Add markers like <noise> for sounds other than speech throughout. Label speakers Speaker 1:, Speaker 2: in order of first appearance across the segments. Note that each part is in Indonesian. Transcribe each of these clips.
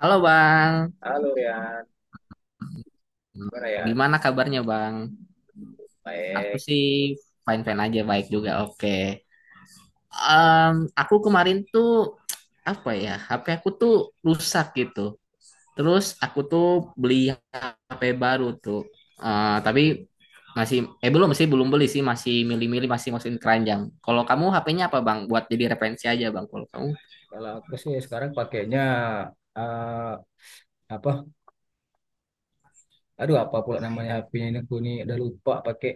Speaker 1: Halo Bang,
Speaker 2: Halo Rian, gimana Rian?
Speaker 1: gimana kabarnya Bang? Aku
Speaker 2: Baik.
Speaker 1: sih fine-fine aja, baik juga, oke. Em, aku kemarin tuh, apa ya, HP aku tuh rusak gitu. Terus aku tuh beli HP baru tuh. Eh, tapi masih, eh belum sih, belum beli sih, masih milih-milih, masih masukin keranjang. Kalau kamu HP-nya apa Bang? Buat jadi referensi aja Bang, kalau kamu.
Speaker 2: Kalau aku sih sekarang pakainya eh, apa? Aduh apa pula namanya HP-nya ini aku nih udah lupa pakai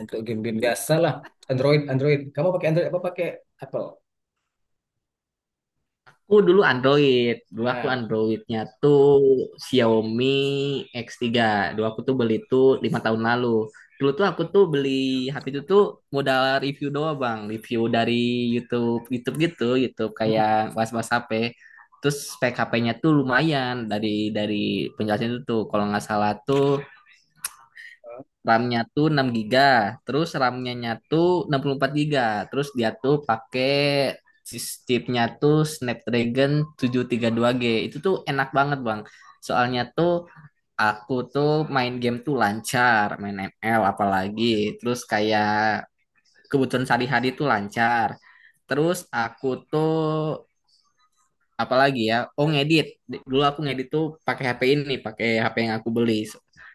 Speaker 2: untuk game-game biasa lah. Android, Android. Kamu pakai Android apa pakai Apple?
Speaker 1: Aku dulu Android, dulu aku
Speaker 2: Nah.
Speaker 1: Androidnya tuh Xiaomi X3. Dulu aku tuh beli tuh 5 tahun lalu. Dulu tuh aku tuh beli HP itu tuh modal review doang bang, review dari YouTube, YouTube gitu, YouTube
Speaker 2: Hmm.
Speaker 1: kayak was-was HP. Terus spek HP-nya tuh lumayan dari penjelasan itu tuh, kalau nggak salah tuh RAM-nya tuh 6 giga, terus RAM-nya tuh 64 giga, terus dia tuh pakai chipnya tuh Snapdragon 732G. Itu tuh enak banget, Bang. Soalnya tuh aku tuh main game tuh lancar, main ML apalagi, terus kayak kebutuhan sehari-hari tuh lancar. Terus aku tuh apalagi ya oh ngedit dulu aku ngedit tuh pakai HP ini pakai HP yang aku beli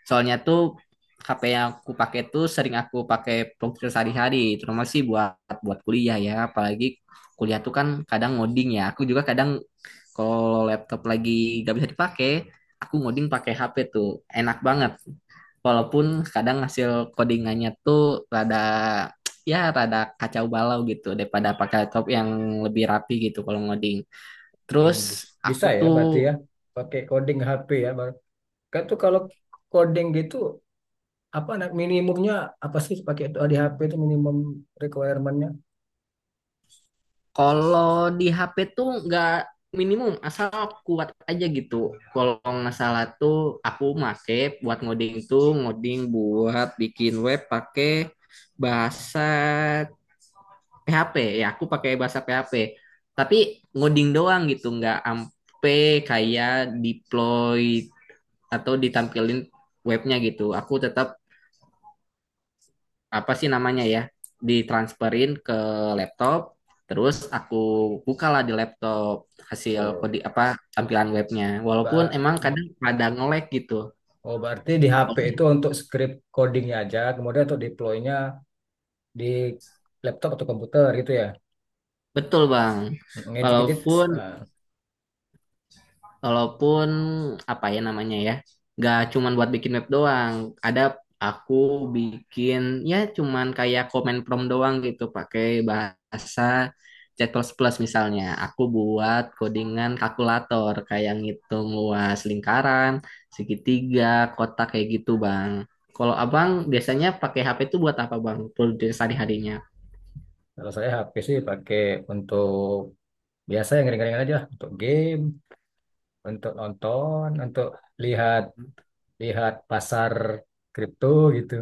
Speaker 1: soalnya tuh HP yang aku pakai tuh sering aku pakai produktif sehari-hari terutama sih buat buat kuliah ya apalagi kuliah tuh kan kadang ngoding ya aku juga kadang kalau laptop lagi gak bisa dipakai aku ngoding pakai HP tuh enak banget walaupun kadang hasil codingannya tuh rada ya rada kacau balau gitu daripada pakai laptop yang lebih rapi gitu kalau ngoding. Terus aku
Speaker 2: bisa ya
Speaker 1: tuh
Speaker 2: berarti ya pakai coding HP ya. Baru. Kan tuh kalau coding gitu apa nah, minimumnya apa sih pakai itu di HP itu minimum requirement-nya?
Speaker 1: kalau di HP tuh nggak minimum asal kuat aja gitu. Kalau nggak salah tuh aku make buat ngoding tuh ngoding buat bikin web pakai bahasa PHP. Ya aku pakai bahasa PHP. Tapi ngoding doang gitu nggak ampe kayak deploy atau ditampilin webnya gitu. Aku tetap apa sih namanya ya ditransferin ke laptop terus aku bukalah di laptop hasil
Speaker 2: Oh,
Speaker 1: kode apa tampilan webnya walaupun
Speaker 2: Mbak.
Speaker 1: emang kadang pada nge-lag gitu
Speaker 2: Oh, berarti di HP itu untuk script codingnya aja, kemudian untuk deploy-nya di laptop atau komputer gitu ya.
Speaker 1: betul bang
Speaker 2: Ngedit-ngedit,
Speaker 1: walaupun
Speaker 2: nah,
Speaker 1: Walaupun apa ya namanya ya, nggak cuman buat bikin web doang. Ada aku bikin ya cuman kayak komen prompt doang gitu pakai bahasa C++ plus misalnya. Aku buat codingan kalkulator kayak ngitung luas lingkaran, segitiga, kotak kayak gitu, Bang. Kalau Abang biasanya pakai HP itu buat apa, Bang? Produksi sehari-harinya.
Speaker 2: kalau saya HP sih pakai untuk biasa yang ringan-ringan aja, untuk game, untuk nonton, untuk lihat lihat pasar kripto gitu.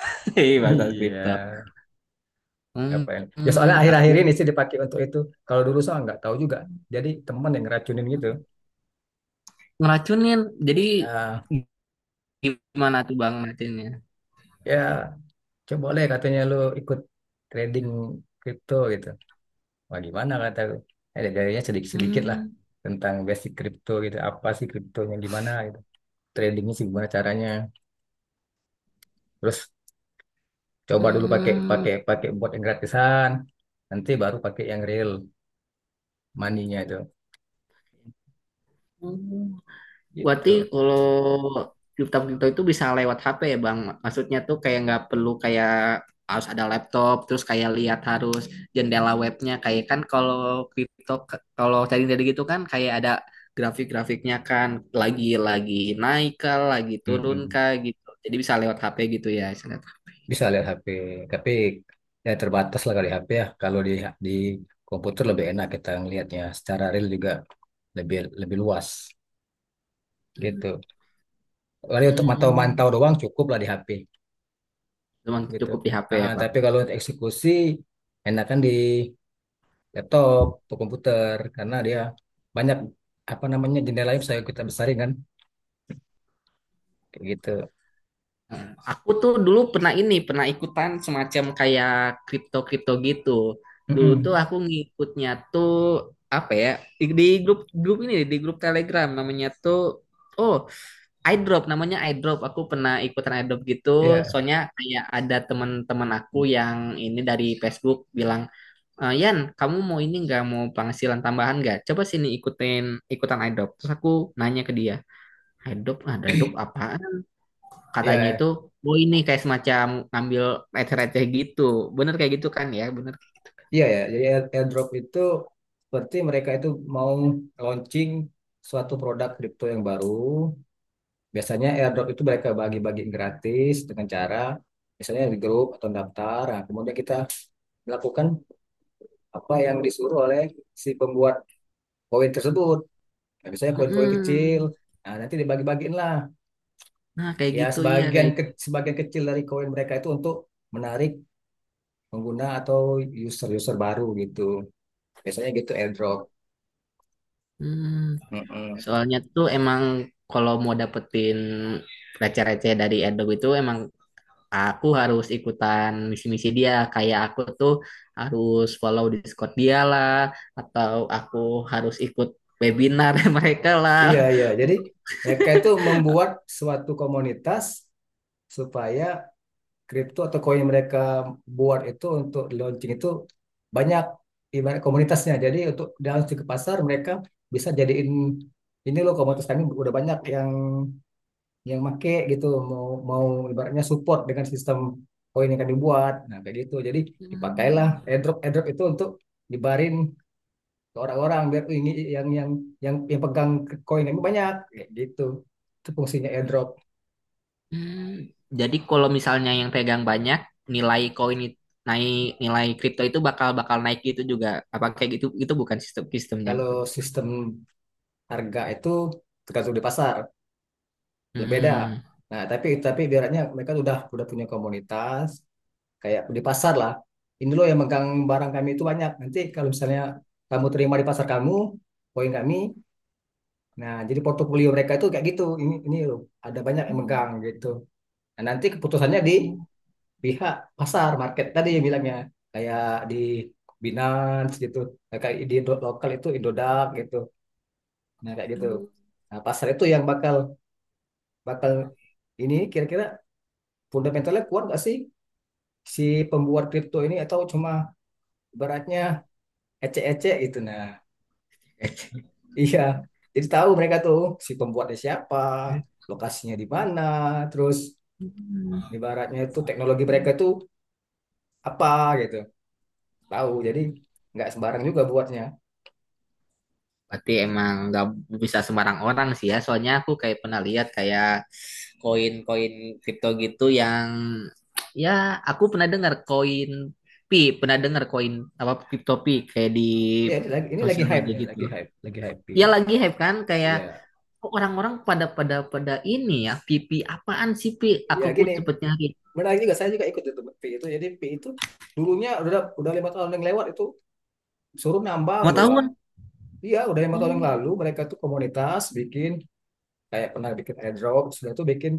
Speaker 1: <laughs> Hei,
Speaker 2: <laughs>
Speaker 1: bahasa kripto.
Speaker 2: Iya, apa
Speaker 1: Hmm,
Speaker 2: yang? Ya
Speaker 1: hmm,
Speaker 2: soalnya
Speaker 1: aku
Speaker 2: akhir-akhir ini sih dipakai untuk itu. Kalau dulu saya nggak tahu juga. Jadi teman yang ngeracunin gitu.
Speaker 1: ngeracunin. Jadi
Speaker 2: Ya,
Speaker 1: gimana tuh Bang Martinnya?
Speaker 2: ya, coba boleh katanya lu ikut trading kripto gitu. Wah gimana kata gue. Eh, jadinya sedikit-sedikit lah
Speaker 1: Hmm,
Speaker 2: tentang basic kripto gitu. Apa sih kriptonya gimana gitu. Tradingnya sih gimana caranya. Terus coba dulu pakai
Speaker 1: hmm,
Speaker 2: pakai pakai buat yang gratisan. Nanti baru pakai yang real money-nya itu.
Speaker 1: hmm.
Speaker 2: Gitu.
Speaker 1: Berarti kalau kripto-kripto itu bisa lewat HP ya Bang? Maksudnya tuh kayak nggak perlu kayak harus ada laptop, terus kayak lihat harus jendela webnya. Kayak kan kalau kripto, kalau trading dari gitu kan kayak ada grafik-grafiknya kan lagi-lagi naik kah, lagi turun
Speaker 2: Mm-mm.
Speaker 1: kah gitu. Jadi bisa lewat HP gitu ya, istilahnya.
Speaker 2: Bisa lihat HP. Tapi ya terbatas lah kali HP ya. Kalau di komputer lebih enak kita ngelihatnya. Secara real juga lebih lebih luas gitu. Paling untuk
Speaker 1: Hmm,
Speaker 2: mantau-mantau doang cukup lah di HP
Speaker 1: cuman
Speaker 2: gitu.
Speaker 1: cukup di HP
Speaker 2: Ah,
Speaker 1: ya Bang.
Speaker 2: tapi kalau untuk eksekusi enakan di laptop atau komputer karena dia banyak apa namanya jendela yang bisa kita besarin kan kayak gitu.
Speaker 1: Aku tuh dulu pernah ini, pernah ikutan semacam kayak kripto-kripto gitu. Dulu tuh
Speaker 2: Mm-mm.
Speaker 1: aku ngikutnya tuh apa ya? Di grup grup ini di grup Telegram namanya tuh oh, iDrop namanya iDrop. Aku pernah ikutan iDrop gitu.
Speaker 2: Iya,
Speaker 1: Soalnya kayak ada teman-teman aku yang ini dari Facebook bilang, "Eh, Yan, kamu mau ini nggak mau penghasilan tambahan nggak? Coba sini ikutin ikutan iDrop." Terus aku nanya ke dia, "iDrop, ada iDrop apa?" Katanya
Speaker 2: iya,
Speaker 1: itu oh ini kayak semacam ngambil receh-receh gitu bener kayak gitu kan ya bener.
Speaker 2: iya, ya. Jadi airdrop itu seperti mereka itu mau launching suatu produk kripto yang baru. Biasanya airdrop itu mereka bagi-bagi gratis dengan cara misalnya di grup atau daftar. Nah, kemudian kita melakukan apa yang disuruh oleh si pembuat koin tersebut. Nah, misalnya koin-koin kecil,
Speaker 1: Mm-mm.
Speaker 2: nah nanti dibagi-bagiin lah.
Speaker 1: Nah kayak
Speaker 2: Ya
Speaker 1: gitu iya kayak gitu.
Speaker 2: sebagian kecil dari koin mereka itu untuk menarik pengguna atau user-user baru gitu. Biasanya gitu airdrop.
Speaker 1: Mm.
Speaker 2: Mm-mm.
Speaker 1: Soalnya tuh emang kalau mau dapetin receh-receh dari Adobe itu emang aku harus ikutan misi-misi dia kayak aku tuh harus follow Discord dia lah atau aku harus ikut webinar <laughs> mereka lah.
Speaker 2: Iya, iya. Jadi mereka itu membuat suatu komunitas supaya kripto atau koin yang mereka buat itu untuk launching itu banyak ibarat komunitasnya. Jadi untuk di launching ke pasar mereka bisa jadiin ini loh komunitas kami udah banyak yang make gitu, mau mau ibaratnya support dengan sistem koin yang kami buat. Nah, kayak gitu. Jadi dipakailah
Speaker 1: Mm.
Speaker 2: airdrop airdrop itu untuk dibarin ke orang-orang biar ini yang yang yang pegang koin kami banyak kayak gitu. Itu fungsinya airdrop.
Speaker 1: Hmm, jadi kalau misalnya yang pegang banyak, nilai koin naik, nilai kripto itu bakal bakal naik gitu juga. Apa kayak gitu? Itu bukan sistem sistemnya.
Speaker 2: Kalau sistem harga itu tergantung di pasar. Beda.
Speaker 1: Hmm.
Speaker 2: Nah, tapi ibaratnya mereka udah punya komunitas kayak di pasar lah. Ini loh yang megang barang kami itu banyak. Nanti kalau misalnya kamu terima di pasar kamu, poin kami. Nah, jadi portofolio mereka itu kayak gitu. Ini loh, ada banyak yang
Speaker 1: Hmm.
Speaker 2: megang gitu. Nah, nanti keputusannya di pihak pasar market tadi yang bilangnya kayak di Binance gitu. Nah, kayak di lokal itu Indodax gitu. Nah, kayak gitu. Nah, pasar itu yang bakal bakal ini kira-kira fundamentalnya kuat nggak sih si pembuat kripto ini atau cuma ibaratnya ecek-ecek gitu, nah. <laughs> Iya, jadi tahu mereka tuh si pembuatnya siapa, lokasinya di mana, terus ibaratnya itu teknologi mereka itu apa gitu tahu. Jadi nggak sembarang juga buatnya.
Speaker 1: Berarti emang nggak bisa sembarang orang sih ya. Soalnya aku kayak pernah lihat kayak koin-koin kripto gitu yang ya aku pernah dengar koin pi, pernah dengar koin apa kripto pi kayak di
Speaker 2: Ya, ini lagi
Speaker 1: sosial
Speaker 2: hype
Speaker 1: media
Speaker 2: nya,
Speaker 1: gitu.
Speaker 2: lagi hype, lagi hype
Speaker 1: Ya
Speaker 2: ini.
Speaker 1: lagi hype kan kayak
Speaker 2: Ya,
Speaker 1: kok orang-orang pada pada pada ini ya pipi apaan sih pi
Speaker 2: ya,
Speaker 1: aku ku
Speaker 2: gini,
Speaker 1: cepet nyari
Speaker 2: menarik juga, saya juga ikut itu p itu. Jadi p itu dulunya udah 5 tahun yang lewat itu suruh nambang
Speaker 1: mau tahu
Speaker 2: doang.
Speaker 1: kan.
Speaker 2: Iya, udah 5 tahun yang
Speaker 1: Hmm.
Speaker 2: lalu mereka tuh komunitas bikin kayak pernah bikin airdrop, sudah tuh bikin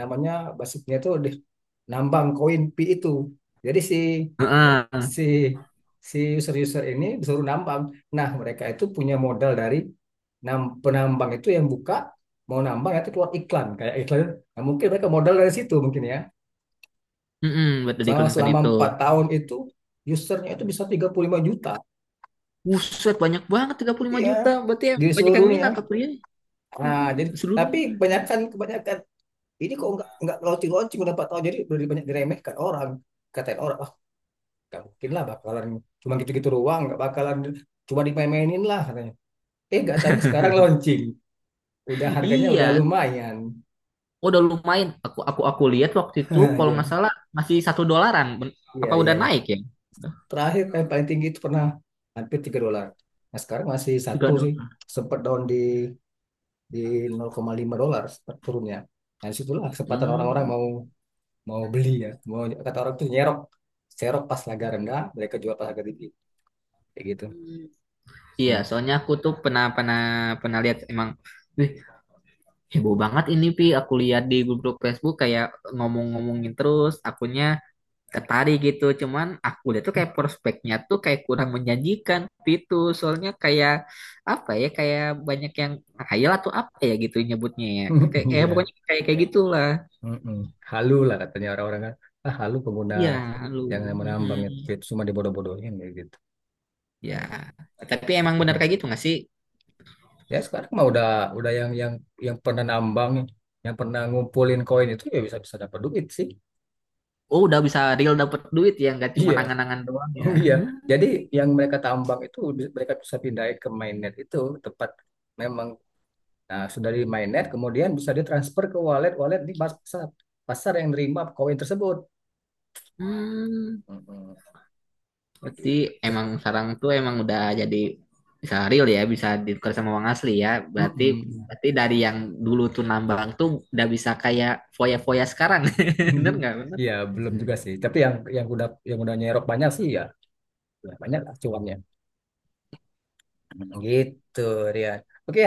Speaker 2: namanya basicnya tuh nambang koin P itu. Jadi si
Speaker 1: Heeh.
Speaker 2: si si user-user ini disuruh nambang. Nah, mereka itu punya modal dari penambang itu yang buka mau nambang nanti keluar iklan kayak iklan. Nah, mungkin mereka modal dari situ mungkin ya.
Speaker 1: Buat
Speaker 2: Selama
Speaker 1: diiklankan
Speaker 2: selama
Speaker 1: itu
Speaker 2: 4 tahun itu usernya itu bisa 35 juta.
Speaker 1: buset banyak banget 35
Speaker 2: Iya,
Speaker 1: juta berarti ya
Speaker 2: di
Speaker 1: banyak
Speaker 2: seluruh
Speaker 1: yang
Speaker 2: dunia.
Speaker 1: minat tuh ya.
Speaker 2: Nah,
Speaker 1: Mm-mm,
Speaker 2: jadi tapi
Speaker 1: seluruhnya.
Speaker 2: kebanyakan kebanyakan ini kok nggak launching-launching udah 4 tahun, jadi lebih banyak diremehkan orang, katain orang, wah nggak mungkin lah bakalan cuma gitu-gitu doang, nggak bakalan, cuma dimain-mainin lah katanya. Eh nggak tahunya sekarang launching, udah harganya udah
Speaker 1: Iya
Speaker 2: lumayan. <laughs>
Speaker 1: udah lumayan aku lihat waktu itu
Speaker 2: Ah,
Speaker 1: kalau
Speaker 2: ya,
Speaker 1: nggak salah masih 1 dolaran.
Speaker 2: iya,
Speaker 1: Apa
Speaker 2: iya,
Speaker 1: udah
Speaker 2: iya.
Speaker 1: naik ya?
Speaker 2: Terakhir yang paling tinggi itu pernah hampir 3 dolar, nah sekarang masih satu
Speaker 1: tiga
Speaker 2: sih.
Speaker 1: dolar
Speaker 2: Sempat down di di 0,5 dolar sempat turunnya. Nah disitulah kesempatan orang-orang
Speaker 1: Hmm.
Speaker 2: mau mau beli, ya mau, kata orang tuh nyerok, serok pas harga rendah mereka jual pas harga tinggi kayak gitu.
Speaker 1: Iya,
Speaker 2: Mm.
Speaker 1: soalnya aku tuh pernah pernah pernah lihat emang, wih. Heboh banget ini Pi, aku lihat di grup-grup Facebook kayak ngomong-ngomongin terus, akunya tertarik gitu. Cuman aku lihat tuh kayak prospeknya tuh kayak kurang menjanjikan itu. Soalnya kayak apa ya, kayak banyak yang khayal atau apa ya gitu nyebutnya ya. Kayak,
Speaker 2: <laughs>
Speaker 1: kayak
Speaker 2: Iya.
Speaker 1: pokoknya kayak kayak gitulah.
Speaker 2: Mm-mm. Halu lah katanya orang-orang kan. Ah, halu pengguna
Speaker 1: Iya, lu.
Speaker 2: yang menambang itu
Speaker 1: Mm-mm.
Speaker 2: cuma dibodoh-bodohin kayak gitu.
Speaker 1: Ya,
Speaker 2: Mm.
Speaker 1: tapi emang bener kayak gitu nggak sih?
Speaker 2: Ya sekarang mah udah yang yang pernah nambang, yang pernah ngumpulin koin itu ya bisa-bisa dapat duit sih.
Speaker 1: Oh, udah bisa real dapet duit ya, nggak cuma
Speaker 2: Iya,
Speaker 1: angan-angan doang ya.
Speaker 2: <laughs> iya. Jadi yang mereka tambang itu mereka bisa pindahin ke mainnet itu tempat memang. Nah, sudah di mainnet kemudian bisa ditransfer ke wallet-wallet di pasar pasar yang nerima koin tersebut.
Speaker 1: Hmm.
Speaker 2: Mm-mm. Kayak
Speaker 1: Berarti
Speaker 2: gitu.
Speaker 1: emang sarang tuh emang udah jadi bisa real ya, bisa ditukar sama uang asli ya. Berarti
Speaker 2: Mm-mm.
Speaker 1: berarti dari yang dulu tuh nambang tuh udah bisa kayak foya-foya sekarang. <laughs> Bener
Speaker 2: <laughs>
Speaker 1: nggak? Bener.
Speaker 2: Ya belum juga sih. Tapi yang udah nyerok banyak sih ya, ya banyak lah cuannya. Gitu, Rian. Oke,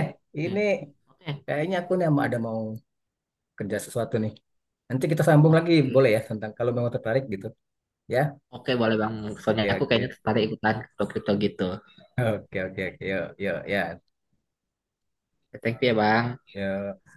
Speaker 2: ini
Speaker 1: Hmm. Oke.
Speaker 2: kayaknya aku nih ada mau kerja sesuatu nih. Nanti kita sambung lagi
Speaker 1: Oke.
Speaker 2: boleh ya tentang kalau memang tertarik gitu, ya.
Speaker 1: Oke boleh bang. Soalnya
Speaker 2: Oke,
Speaker 1: aku
Speaker 2: oke.
Speaker 1: kayaknya tertarik ikutan kripto-kripto gitu.
Speaker 2: Oke, oke, oke. Yuk, yuk, ya.
Speaker 1: Thank you ya bang.
Speaker 2: Yuk.